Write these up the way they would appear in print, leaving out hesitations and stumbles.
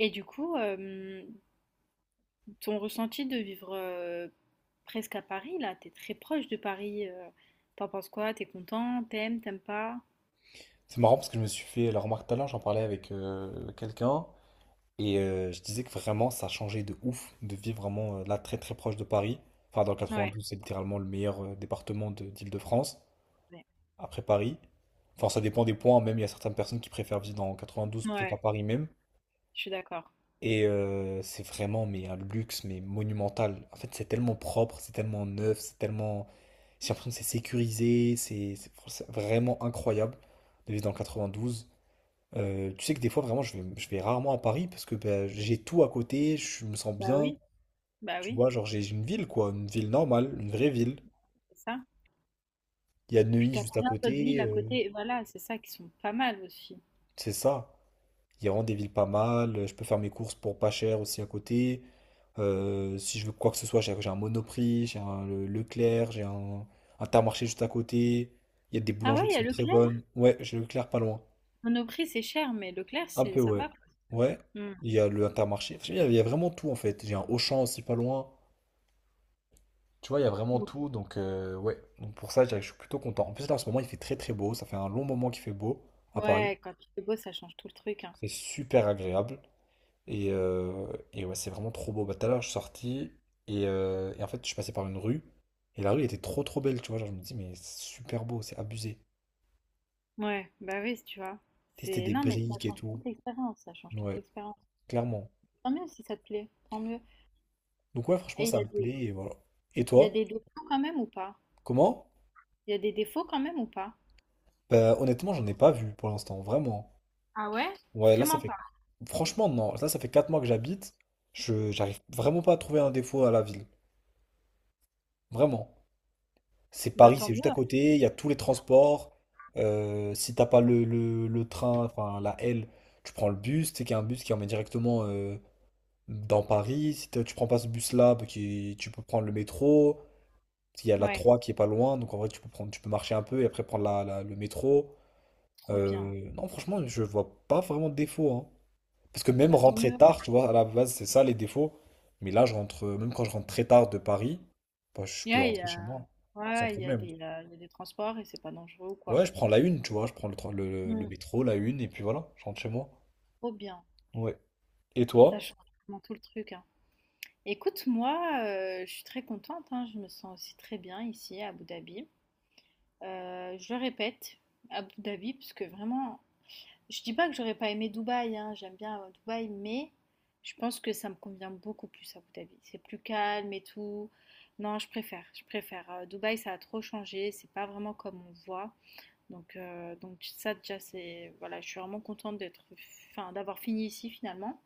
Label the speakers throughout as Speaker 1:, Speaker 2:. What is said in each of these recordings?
Speaker 1: Et du coup, ton ressenti de vivre, presque à Paris là, t'es très proche de Paris, tu penses quoi? T'es content? T'aimes pas?
Speaker 2: C'est marrant parce que je me suis fait la remarque tout à l'heure, j'en parlais avec quelqu'un et je disais que vraiment ça a changé de ouf de vivre vraiment là très très proche de Paris. Enfin, dans le
Speaker 1: Ouais,
Speaker 2: 92, c'est littéralement le meilleur département d'Île-de-France
Speaker 1: ouais,
Speaker 2: après Paris. Enfin, ça dépend des points, même il y a certaines personnes qui préfèrent vivre dans 92 plutôt qu'à
Speaker 1: ouais,
Speaker 2: Paris même.
Speaker 1: je suis d'accord.
Speaker 2: Et c'est vraiment mais un luxe mais monumental. En fait, c'est tellement propre, c'est tellement neuf, c'est tellement. J'ai l'impression que c'est sécurisé, c'est vraiment incroyable de vivre dans le 92. Tu sais que des fois, vraiment, je vais rarement à Paris parce que ben, j'ai tout à côté, je me sens
Speaker 1: Bah
Speaker 2: bien.
Speaker 1: oui, bah
Speaker 2: Tu
Speaker 1: oui,
Speaker 2: vois, genre, j'ai une ville, quoi, une ville normale, une vraie ville.
Speaker 1: c'est ça.
Speaker 2: Il y a
Speaker 1: Puis
Speaker 2: Neuilly
Speaker 1: t'as
Speaker 2: juste à
Speaker 1: plein d'autres
Speaker 2: côté,
Speaker 1: villes à côté, voilà, c'est ça, qui sont pas mal aussi.
Speaker 2: c'est ça. Il y a vraiment des villes pas mal. Je peux faire mes courses pour pas cher aussi à côté. Si je veux quoi que ce soit, j'ai un Monoprix, j'ai un Leclerc, j'ai un Intermarché juste à côté. Il y a des
Speaker 1: Ah ouais,
Speaker 2: boulangeries
Speaker 1: il
Speaker 2: qui
Speaker 1: y a
Speaker 2: sont très
Speaker 1: Leclerc?
Speaker 2: bonnes. Ouais, j'ai Leclerc pas loin.
Speaker 1: Monoprix, c'est cher, mais Leclerc,
Speaker 2: Un peu,
Speaker 1: c'est ça
Speaker 2: ouais.
Speaker 1: va, quoi.
Speaker 2: Ouais,
Speaker 1: Mmh.
Speaker 2: il y a le Intermarché. Enfin, il y a vraiment tout en fait. J'ai un Auchan aussi pas loin. Tu vois, il y a vraiment
Speaker 1: Ou
Speaker 2: tout. Donc, ouais. Donc, pour ça, je dirais que je suis plutôt content. En plus, là, en ce moment, il fait très très beau. Ça fait un long moment qu'il fait beau à Paris.
Speaker 1: ouais, quand il fait beau, ça change tout le truc, hein.
Speaker 2: C'est super agréable. Et, euh, et ouais, c'est vraiment trop beau. Bah, tout à l'heure, je suis sorti. Et en fait, je suis passé par une rue. Et la rue était trop trop belle. Tu vois, genre, je me dis, mais c'est super beau. C'est abusé.
Speaker 1: Ouais, bah oui, tu vois?
Speaker 2: Tu sais, c'était
Speaker 1: C'est
Speaker 2: des
Speaker 1: non, mais
Speaker 2: briques
Speaker 1: ça
Speaker 2: et
Speaker 1: change
Speaker 2: tout.
Speaker 1: toute l'expérience, ça change toute
Speaker 2: Ouais,
Speaker 1: l'expérience.
Speaker 2: clairement.
Speaker 1: Tant mieux si ça te plaît, tant mieux.
Speaker 2: Donc, ouais, franchement,
Speaker 1: Et il
Speaker 2: ça
Speaker 1: y a
Speaker 2: me
Speaker 1: des,
Speaker 2: plaît. Et voilà. Et
Speaker 1: il y a
Speaker 2: toi,
Speaker 1: des défauts quand même ou pas?
Speaker 2: comment?
Speaker 1: Il y a des défauts quand même ou pas?
Speaker 2: Bah, honnêtement, j'en ai pas vu pour l'instant. Vraiment.
Speaker 1: Ah ouais?
Speaker 2: Ouais, là, ça
Speaker 1: Vraiment
Speaker 2: fait…
Speaker 1: pas.
Speaker 2: Franchement, non. Là, ça fait 4 mois que j'habite. Je… J'arrive vraiment pas à trouver un défaut à la ville. Vraiment. C'est
Speaker 1: Bah
Speaker 2: Paris,
Speaker 1: tant
Speaker 2: c'est juste à
Speaker 1: mieux.
Speaker 2: côté. Il y a tous les transports. Si t'as pas le train, enfin la L, tu prends le bus. Tu sais qu'il y a un bus qui emmène directement dans Paris. Si tu prends pas ce bus-là, bah, qui… tu peux prendre le métro. Il y a la
Speaker 1: Ouais,
Speaker 2: 3 qui est pas loin. Donc, en vrai, tu peux prendre… tu peux marcher un peu et après prendre le métro.
Speaker 1: trop bien.
Speaker 2: Non, franchement, je vois pas vraiment de défaut, hein. Parce que même
Speaker 1: Bah tant
Speaker 2: rentrer
Speaker 1: mieux.
Speaker 2: tard, tu vois, à la base, c'est ça les défauts. Mais là, je rentre, même quand je rentre très tard de Paris, bah, je peux
Speaker 1: Ouais, il y
Speaker 2: rentrer chez
Speaker 1: a,
Speaker 2: moi, sans
Speaker 1: ouais, il y a
Speaker 2: problème.
Speaker 1: des, il y a des transports et c'est pas dangereux ou
Speaker 2: Ouais,
Speaker 1: quoi.
Speaker 2: je prends la une, tu vois, je prends le
Speaker 1: Mm,
Speaker 2: métro, la une, et puis voilà, je rentre chez moi.
Speaker 1: trop bien.
Speaker 2: Ouais. Et
Speaker 1: Ça
Speaker 2: toi?
Speaker 1: change vraiment tout le truc, hein. Écoute, moi, je suis très contente, hein. Je me sens aussi très bien ici à Abu Dhabi. Je le répète, Abu Dhabi, parce que vraiment, je dis pas que j'aurais pas aimé Dubaï, hein, j'aime bien Dubaï, mais je pense que ça me convient beaucoup plus à Abu Dhabi. C'est plus calme et tout. Non, je préfère, je préfère. Dubaï, ça a trop changé, c'est pas vraiment comme on voit. Donc ça déjà, c'est voilà, je suis vraiment contente d'être, enfin, d'avoir fini ici finalement.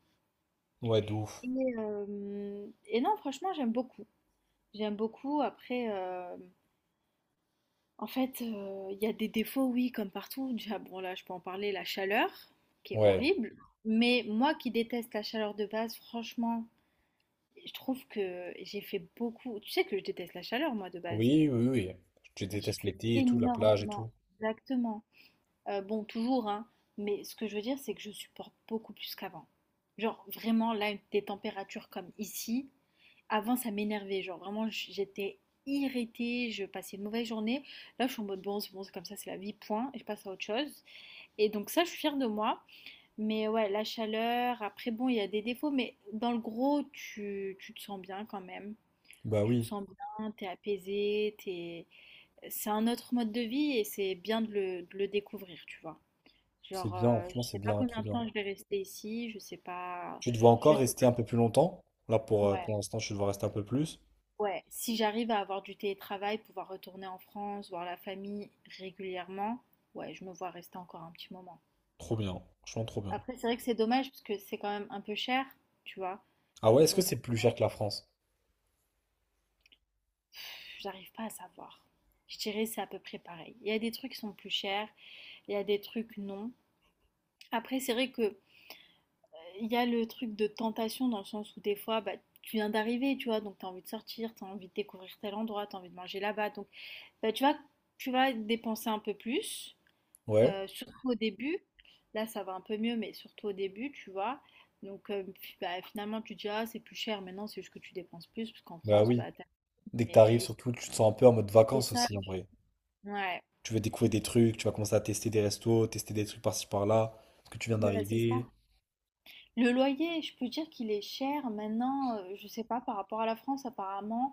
Speaker 2: Ouais, de ouf.
Speaker 1: Et, et non, franchement, j'aime beaucoup. J'aime beaucoup. Après, en fait, il y a des défauts, oui, comme partout. Déjà, bon, là, je peux en parler, la chaleur, qui est
Speaker 2: Ouais.
Speaker 1: horrible. Mais moi qui déteste la chaleur de base, franchement, je trouve que j'ai fait beaucoup tu sais que je déteste la chaleur, moi, de base.
Speaker 2: Oui, oui, oui. Tu
Speaker 1: Et j'ai
Speaker 2: détestes
Speaker 1: fait
Speaker 2: l'été et tout, la plage et
Speaker 1: énormément
Speaker 2: tout.
Speaker 1: exactement. Bon, toujours, hein, mais ce que je veux dire, c'est que je supporte beaucoup plus qu'avant. Genre, vraiment, là, des températures comme ici, avant, ça m'énervait, genre vraiment, j'étais irritée, je passais une mauvaise journée. Là, je suis en mode bon, c'est comme ça, c'est la vie, point, et je passe à autre chose. Et donc, ça, je suis fière de moi. Mais ouais, la chaleur, après, bon, il y a des défauts, mais dans le gros, tu te sens bien quand même.
Speaker 2: Bah
Speaker 1: Tu te
Speaker 2: oui,
Speaker 1: sens bien, t'es apaisé, t'es... c'est un autre mode de vie et c'est bien de de le découvrir, tu vois.
Speaker 2: c'est
Speaker 1: Genre,
Speaker 2: bien,
Speaker 1: je
Speaker 2: franchement, c'est
Speaker 1: sais pas
Speaker 2: bien, trop
Speaker 1: combien de
Speaker 2: bien.
Speaker 1: temps je vais rester ici, je sais pas.
Speaker 2: Tu te vois
Speaker 1: Je
Speaker 2: encore
Speaker 1: sais.
Speaker 2: rester un peu plus longtemps? Là,
Speaker 1: Ouais.
Speaker 2: pour l'instant, je te vois rester un peu plus.
Speaker 1: Ouais, si j'arrive à avoir du télétravail, pouvoir retourner en France, voir la famille régulièrement, ouais, je me vois rester encore un petit moment.
Speaker 2: Trop bien, franchement, trop bien.
Speaker 1: Après, c'est vrai que c'est dommage parce que c'est quand même un peu cher, tu vois.
Speaker 2: Ah ouais, est-ce que
Speaker 1: Donc,
Speaker 2: c'est plus cher que la France?
Speaker 1: pff, j'arrive pas à savoir. Je dirais c'est à peu près pareil. Il y a des trucs qui sont plus chers, il y a des trucs non. Après, c'est vrai que il y a le truc de tentation dans le sens où des fois, bah, tu viens d'arriver, tu vois, donc t'as envie de sortir, t'as envie de découvrir tel endroit, t'as envie de manger là-bas, donc bah, tu vas, tu vas dépenser un peu plus.
Speaker 2: Ouais.
Speaker 1: Surtout au début, là ça va un peu mieux, mais surtout au début, tu vois. Donc bah, finalement tu te dis ah c'est plus cher, mais non c'est juste que tu dépenses plus, parce qu'en
Speaker 2: Bah
Speaker 1: France,
Speaker 2: oui.
Speaker 1: bah t'as
Speaker 2: Dès que t'arrives,
Speaker 1: mais ici,
Speaker 2: surtout, tu te sens un peu en mode
Speaker 1: c'est
Speaker 2: vacances
Speaker 1: ça,
Speaker 2: aussi, en vrai.
Speaker 1: ouais.
Speaker 2: Tu veux découvrir des trucs, tu vas commencer à tester des restos, tester des trucs par-ci par-là, parce que tu viens
Speaker 1: Bah, c'est ça.
Speaker 2: d'arriver.
Speaker 1: Le loyer, je peux dire qu'il est cher maintenant, je sais pas, par rapport à la France, apparemment,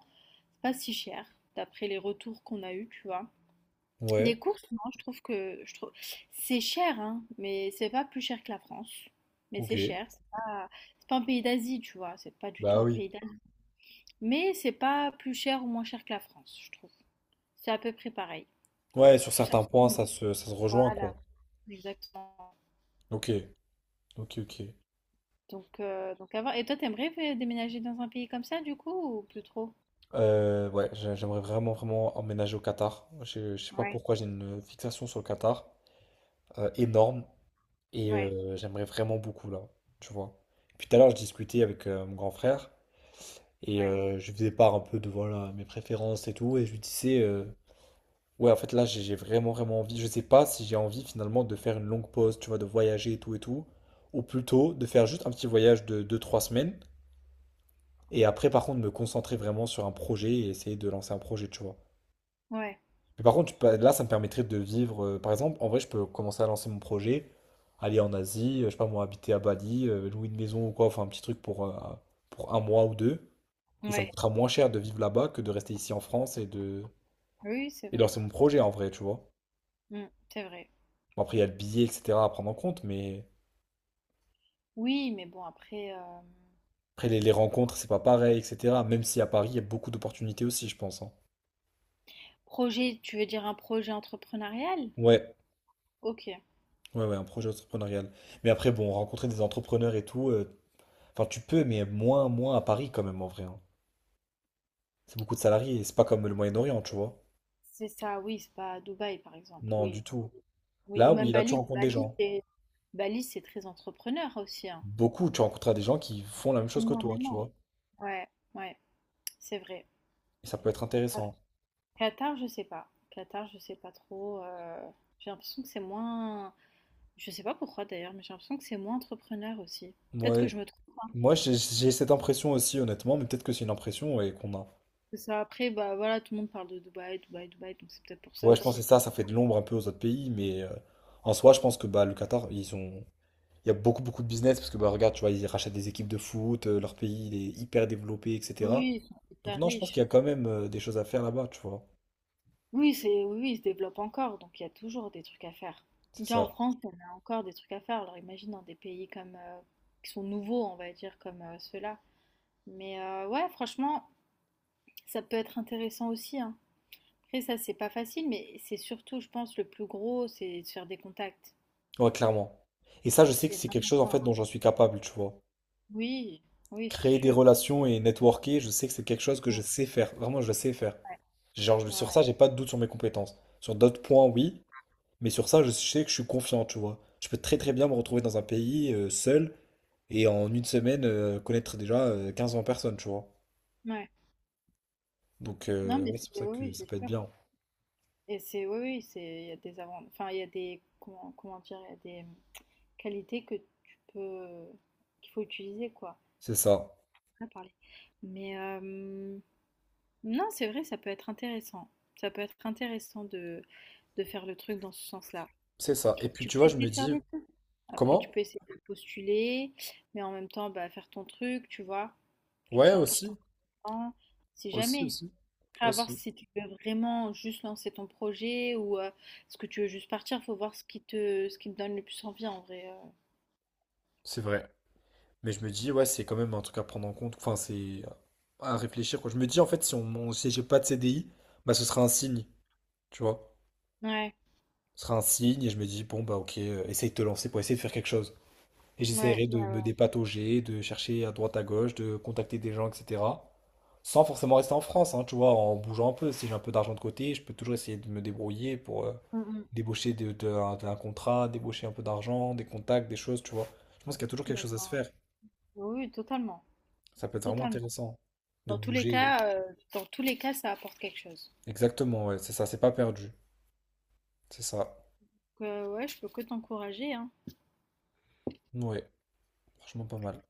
Speaker 1: c'est pas si cher, d'après les retours qu'on a eus, tu vois.
Speaker 2: Ouais,
Speaker 1: Les courses, non, je trouve c'est cher, hein, mais c'est pas plus cher que la France. Mais
Speaker 2: ok.
Speaker 1: c'est cher, c'est pas un pays d'Asie, tu vois, c'est pas du tout
Speaker 2: Bah
Speaker 1: un
Speaker 2: oui.
Speaker 1: pays mais c'est pas plus cher ou moins cher que la France, je trouve. C'est à peu près pareil.
Speaker 2: Ouais, sur
Speaker 1: Ça
Speaker 2: certains
Speaker 1: dépend
Speaker 2: points,
Speaker 1: de-
Speaker 2: ça se rejoint, quoi.
Speaker 1: Voilà, exactement.
Speaker 2: Ok, ok, ok.
Speaker 1: Donc à et toi, t'aimerais déménager dans un pays comme ça, du coup, ou plus trop?
Speaker 2: Ouais, j'aimerais vraiment, vraiment emménager au Qatar. Je sais pas
Speaker 1: Ouais,
Speaker 2: pourquoi, j'ai une fixation sur le Qatar, énorme, et
Speaker 1: ouais,
Speaker 2: j'aimerais vraiment beaucoup, là, tu vois. Puis tout à l'heure, je discutais avec mon grand frère, et
Speaker 1: ouais,
Speaker 2: je lui faisais part un peu de, voilà, mes préférences et tout, et je lui disais… Ouais, en fait, là, j'ai vraiment, vraiment envie. Je sais pas si j'ai envie finalement de faire une longue pause, tu vois, de voyager et tout et tout. Ou plutôt de faire juste un petit voyage de deux trois semaines. Et après, par contre, me concentrer vraiment sur un projet et essayer de lancer un projet, tu vois.
Speaker 1: ouais,
Speaker 2: Mais par contre, tu peux- là, ça me permettrait de vivre. Par exemple, en vrai, je peux commencer à lancer mon projet, aller en Asie, je sais pas moi, habiter à Bali, louer une maison ou quoi, enfin, un petit truc pour un mois ou deux. Et ça me
Speaker 1: ouais.
Speaker 2: coûtera moins cher de vivre là-bas que de rester ici en France et de,
Speaker 1: Oui, c'est
Speaker 2: et de
Speaker 1: vrai.
Speaker 2: lancer mon projet en vrai, tu vois.
Speaker 1: Mm, c'est vrai.
Speaker 2: Bon, après, il y a le billet, etc. à prendre en compte, mais
Speaker 1: Oui, mais bon, après,
Speaker 2: après, les rencontres, c'est pas pareil, etc. Même si à Paris, il y a beaucoup d'opportunités aussi, je pense, hein.
Speaker 1: projet, tu veux dire un projet entrepreneurial?
Speaker 2: Ouais,
Speaker 1: Ok.
Speaker 2: ouais, ouais, un projet entrepreneurial. Mais après, bon, rencontrer des entrepreneurs et tout, enfin, tu peux, mais moins, moins à Paris quand même, en vrai, hein. C'est beaucoup de salariés, c'est pas comme le Moyen-Orient, tu vois.
Speaker 1: C'est ça, oui, c'est pas à Dubaï, par exemple,
Speaker 2: Non,
Speaker 1: oui.
Speaker 2: du tout.
Speaker 1: Oui,
Speaker 2: Là,
Speaker 1: ou même
Speaker 2: oui, là, tu
Speaker 1: Bali.
Speaker 2: rencontres des gens.
Speaker 1: Bali, c'est très entrepreneur aussi, hein.
Speaker 2: Beaucoup, tu rencontreras des gens qui font la même chose que toi, tu
Speaker 1: Énormément.
Speaker 2: vois.
Speaker 1: Ouais, ouais, c'est vrai.
Speaker 2: Et ça peut être
Speaker 1: Ouais.
Speaker 2: intéressant.
Speaker 1: Qatar, je sais pas. Qatar, je sais pas trop. J'ai l'impression que c'est moins. Je sais pas pourquoi d'ailleurs, mais j'ai l'impression que c'est moins entrepreneur aussi. Peut-être
Speaker 2: Moi,
Speaker 1: que je me trompe. Hein.
Speaker 2: moi j'ai cette impression aussi, honnêtement, mais peut-être que c'est une impression et qu'on a.
Speaker 1: C'est Ça, après, bah voilà, tout le monde parle de Dubaï, Dubaï, Dubaï, donc c'est peut-être pour ça
Speaker 2: Ouais, je pense que
Speaker 1: aussi.
Speaker 2: c'est ça, ça fait de l'ombre un peu aux autres pays, mais en soi, je pense que bah, le Qatar, ils ont… il y a beaucoup, beaucoup de business, parce que bah, regarde, tu vois, ils rachètent des équipes de foot, leur pays, il est hyper développé, etc.
Speaker 1: Oui, ils sont
Speaker 2: Donc
Speaker 1: hyper
Speaker 2: non, je pense
Speaker 1: riches.
Speaker 2: qu'il y a quand même des choses à faire là-bas, tu vois.
Speaker 1: Oui, c'est, oui, oui, ils se développent encore, donc il y a toujours des trucs à faire.
Speaker 2: C'est
Speaker 1: Déjà en
Speaker 2: ça.
Speaker 1: France, on a encore des trucs à faire. Alors imagine dans des pays comme qui sont nouveaux, on va dire, comme ceux-là. Mais ouais, franchement, ça peut être intéressant aussi, hein. Après ça, c'est pas facile, mais c'est surtout, je pense, le plus gros, c'est de faire des contacts.
Speaker 2: Ouais, clairement. Et ça, je sais que
Speaker 1: C'est
Speaker 2: c'est quelque
Speaker 1: vraiment
Speaker 2: chose, en
Speaker 1: ça.
Speaker 2: fait,
Speaker 1: Hein.
Speaker 2: dont j'en suis capable, tu vois.
Speaker 1: Oui, oui, c'est
Speaker 2: Créer des
Speaker 1: sûr.
Speaker 2: relations et networker, je sais que c'est quelque chose que
Speaker 1: Mm,
Speaker 2: je sais faire. Vraiment, je sais faire.
Speaker 1: ouais,
Speaker 2: Genre, je-
Speaker 1: ouais,
Speaker 2: sur
Speaker 1: ouais.
Speaker 2: ça, j'ai pas de doute sur mes compétences. Sur d'autres points, oui, mais sur ça, je sais que je suis confiant, tu vois. Je peux très très bien me retrouver dans un pays seul. Et en une semaine, connaître déjà 15 20 personnes, tu vois.
Speaker 1: Ouais.
Speaker 2: Donc,
Speaker 1: Non, mais
Speaker 2: ouais, c'est pour
Speaker 1: c'est,
Speaker 2: ça
Speaker 1: oui,
Speaker 2: que
Speaker 1: oui,
Speaker 2: ça
Speaker 1: c'est
Speaker 2: peut être
Speaker 1: sûr.
Speaker 2: bien.
Speaker 1: Et c'est, oui, oui, c'est, il y a des avant, enfin, il y a des, comment, comment dire, il y a des qualités que tu peux, qu'il faut utiliser, quoi.
Speaker 2: C'est ça.
Speaker 1: On va parler. Mais non, c'est vrai, ça peut être intéressant. Ça peut être intéressant de faire le truc dans ce sens-là.
Speaker 2: C'est ça. Et puis,
Speaker 1: Tu
Speaker 2: tu
Speaker 1: peux
Speaker 2: vois, je
Speaker 1: essayer
Speaker 2: me
Speaker 1: de faire
Speaker 2: dis,
Speaker 1: les 2. Après, tu
Speaker 2: comment?
Speaker 1: peux essayer de postuler, mais en même temps, bah, faire ton truc, tu vois. Tu te
Speaker 2: Ouais,
Speaker 1: fais un petit
Speaker 2: aussi.
Speaker 1: temps. Si
Speaker 2: Aussi,
Speaker 1: jamais.
Speaker 2: aussi.
Speaker 1: Après, à voir
Speaker 2: Aussi.
Speaker 1: si tu veux vraiment juste lancer ton projet ou est-ce que tu veux juste partir. Faut voir ce qui te donne le plus envie en vrai. Euh.
Speaker 2: C'est vrai. Mais je me dis, ouais, c'est quand même un truc à prendre en compte. Enfin, c'est à réfléchir, quoi. Je me dis, en fait, si on, on- si j'ai pas de CDI, bah, ce sera un signe, tu vois.
Speaker 1: Ouais,
Speaker 2: Ce sera un signe, et je me dis, bon, bah, ok, essaye de te lancer pour essayer de faire quelque chose. Et
Speaker 1: ouais,
Speaker 2: j'essaierai
Speaker 1: ouais,
Speaker 2: de me
Speaker 1: ouais.
Speaker 2: dépatauger, de chercher à droite à gauche, de contacter des gens, etc. Sans forcément rester en France, hein, tu vois, en bougeant un peu. Si j'ai un peu d'argent de côté, je peux toujours essayer de me débrouiller pour
Speaker 1: Mm, mm.
Speaker 2: débaucher d'un contrat, débaucher un peu d'argent, des contacts, des choses, tu vois. Je pense qu'il y a toujours quelque chose à se
Speaker 1: D'accord,
Speaker 2: faire.
Speaker 1: ouais. Oui, oui, totalement.
Speaker 2: Ça peut être vraiment
Speaker 1: Totalement.
Speaker 2: intéressant de
Speaker 1: Dans tous les
Speaker 2: bouger.
Speaker 1: cas, dans tous les cas, ça apporte quelque chose.
Speaker 2: Exactement, ouais, c'est ça, c'est pas perdu. C'est ça.
Speaker 1: Donc, ouais, je peux que t'encourager, hein.
Speaker 2: Ouais, franchement pas mal.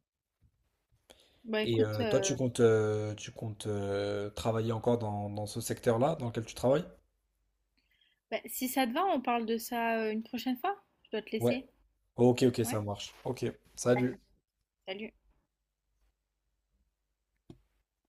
Speaker 1: Bah
Speaker 2: Et
Speaker 1: écoute,
Speaker 2: toi, tu
Speaker 1: euh,
Speaker 2: comptes, euh, tu comptes euh, travailler encore dans, dans ce secteur-là dans lequel tu travailles?
Speaker 1: Bah, si ça te va, on parle de ça une prochaine fois. Je dois te
Speaker 2: Ouais.
Speaker 1: laisser.
Speaker 2: Ok, ok, ça
Speaker 1: Ouais.
Speaker 2: marche. Ok,
Speaker 1: Allez,
Speaker 2: salut.
Speaker 1: salut.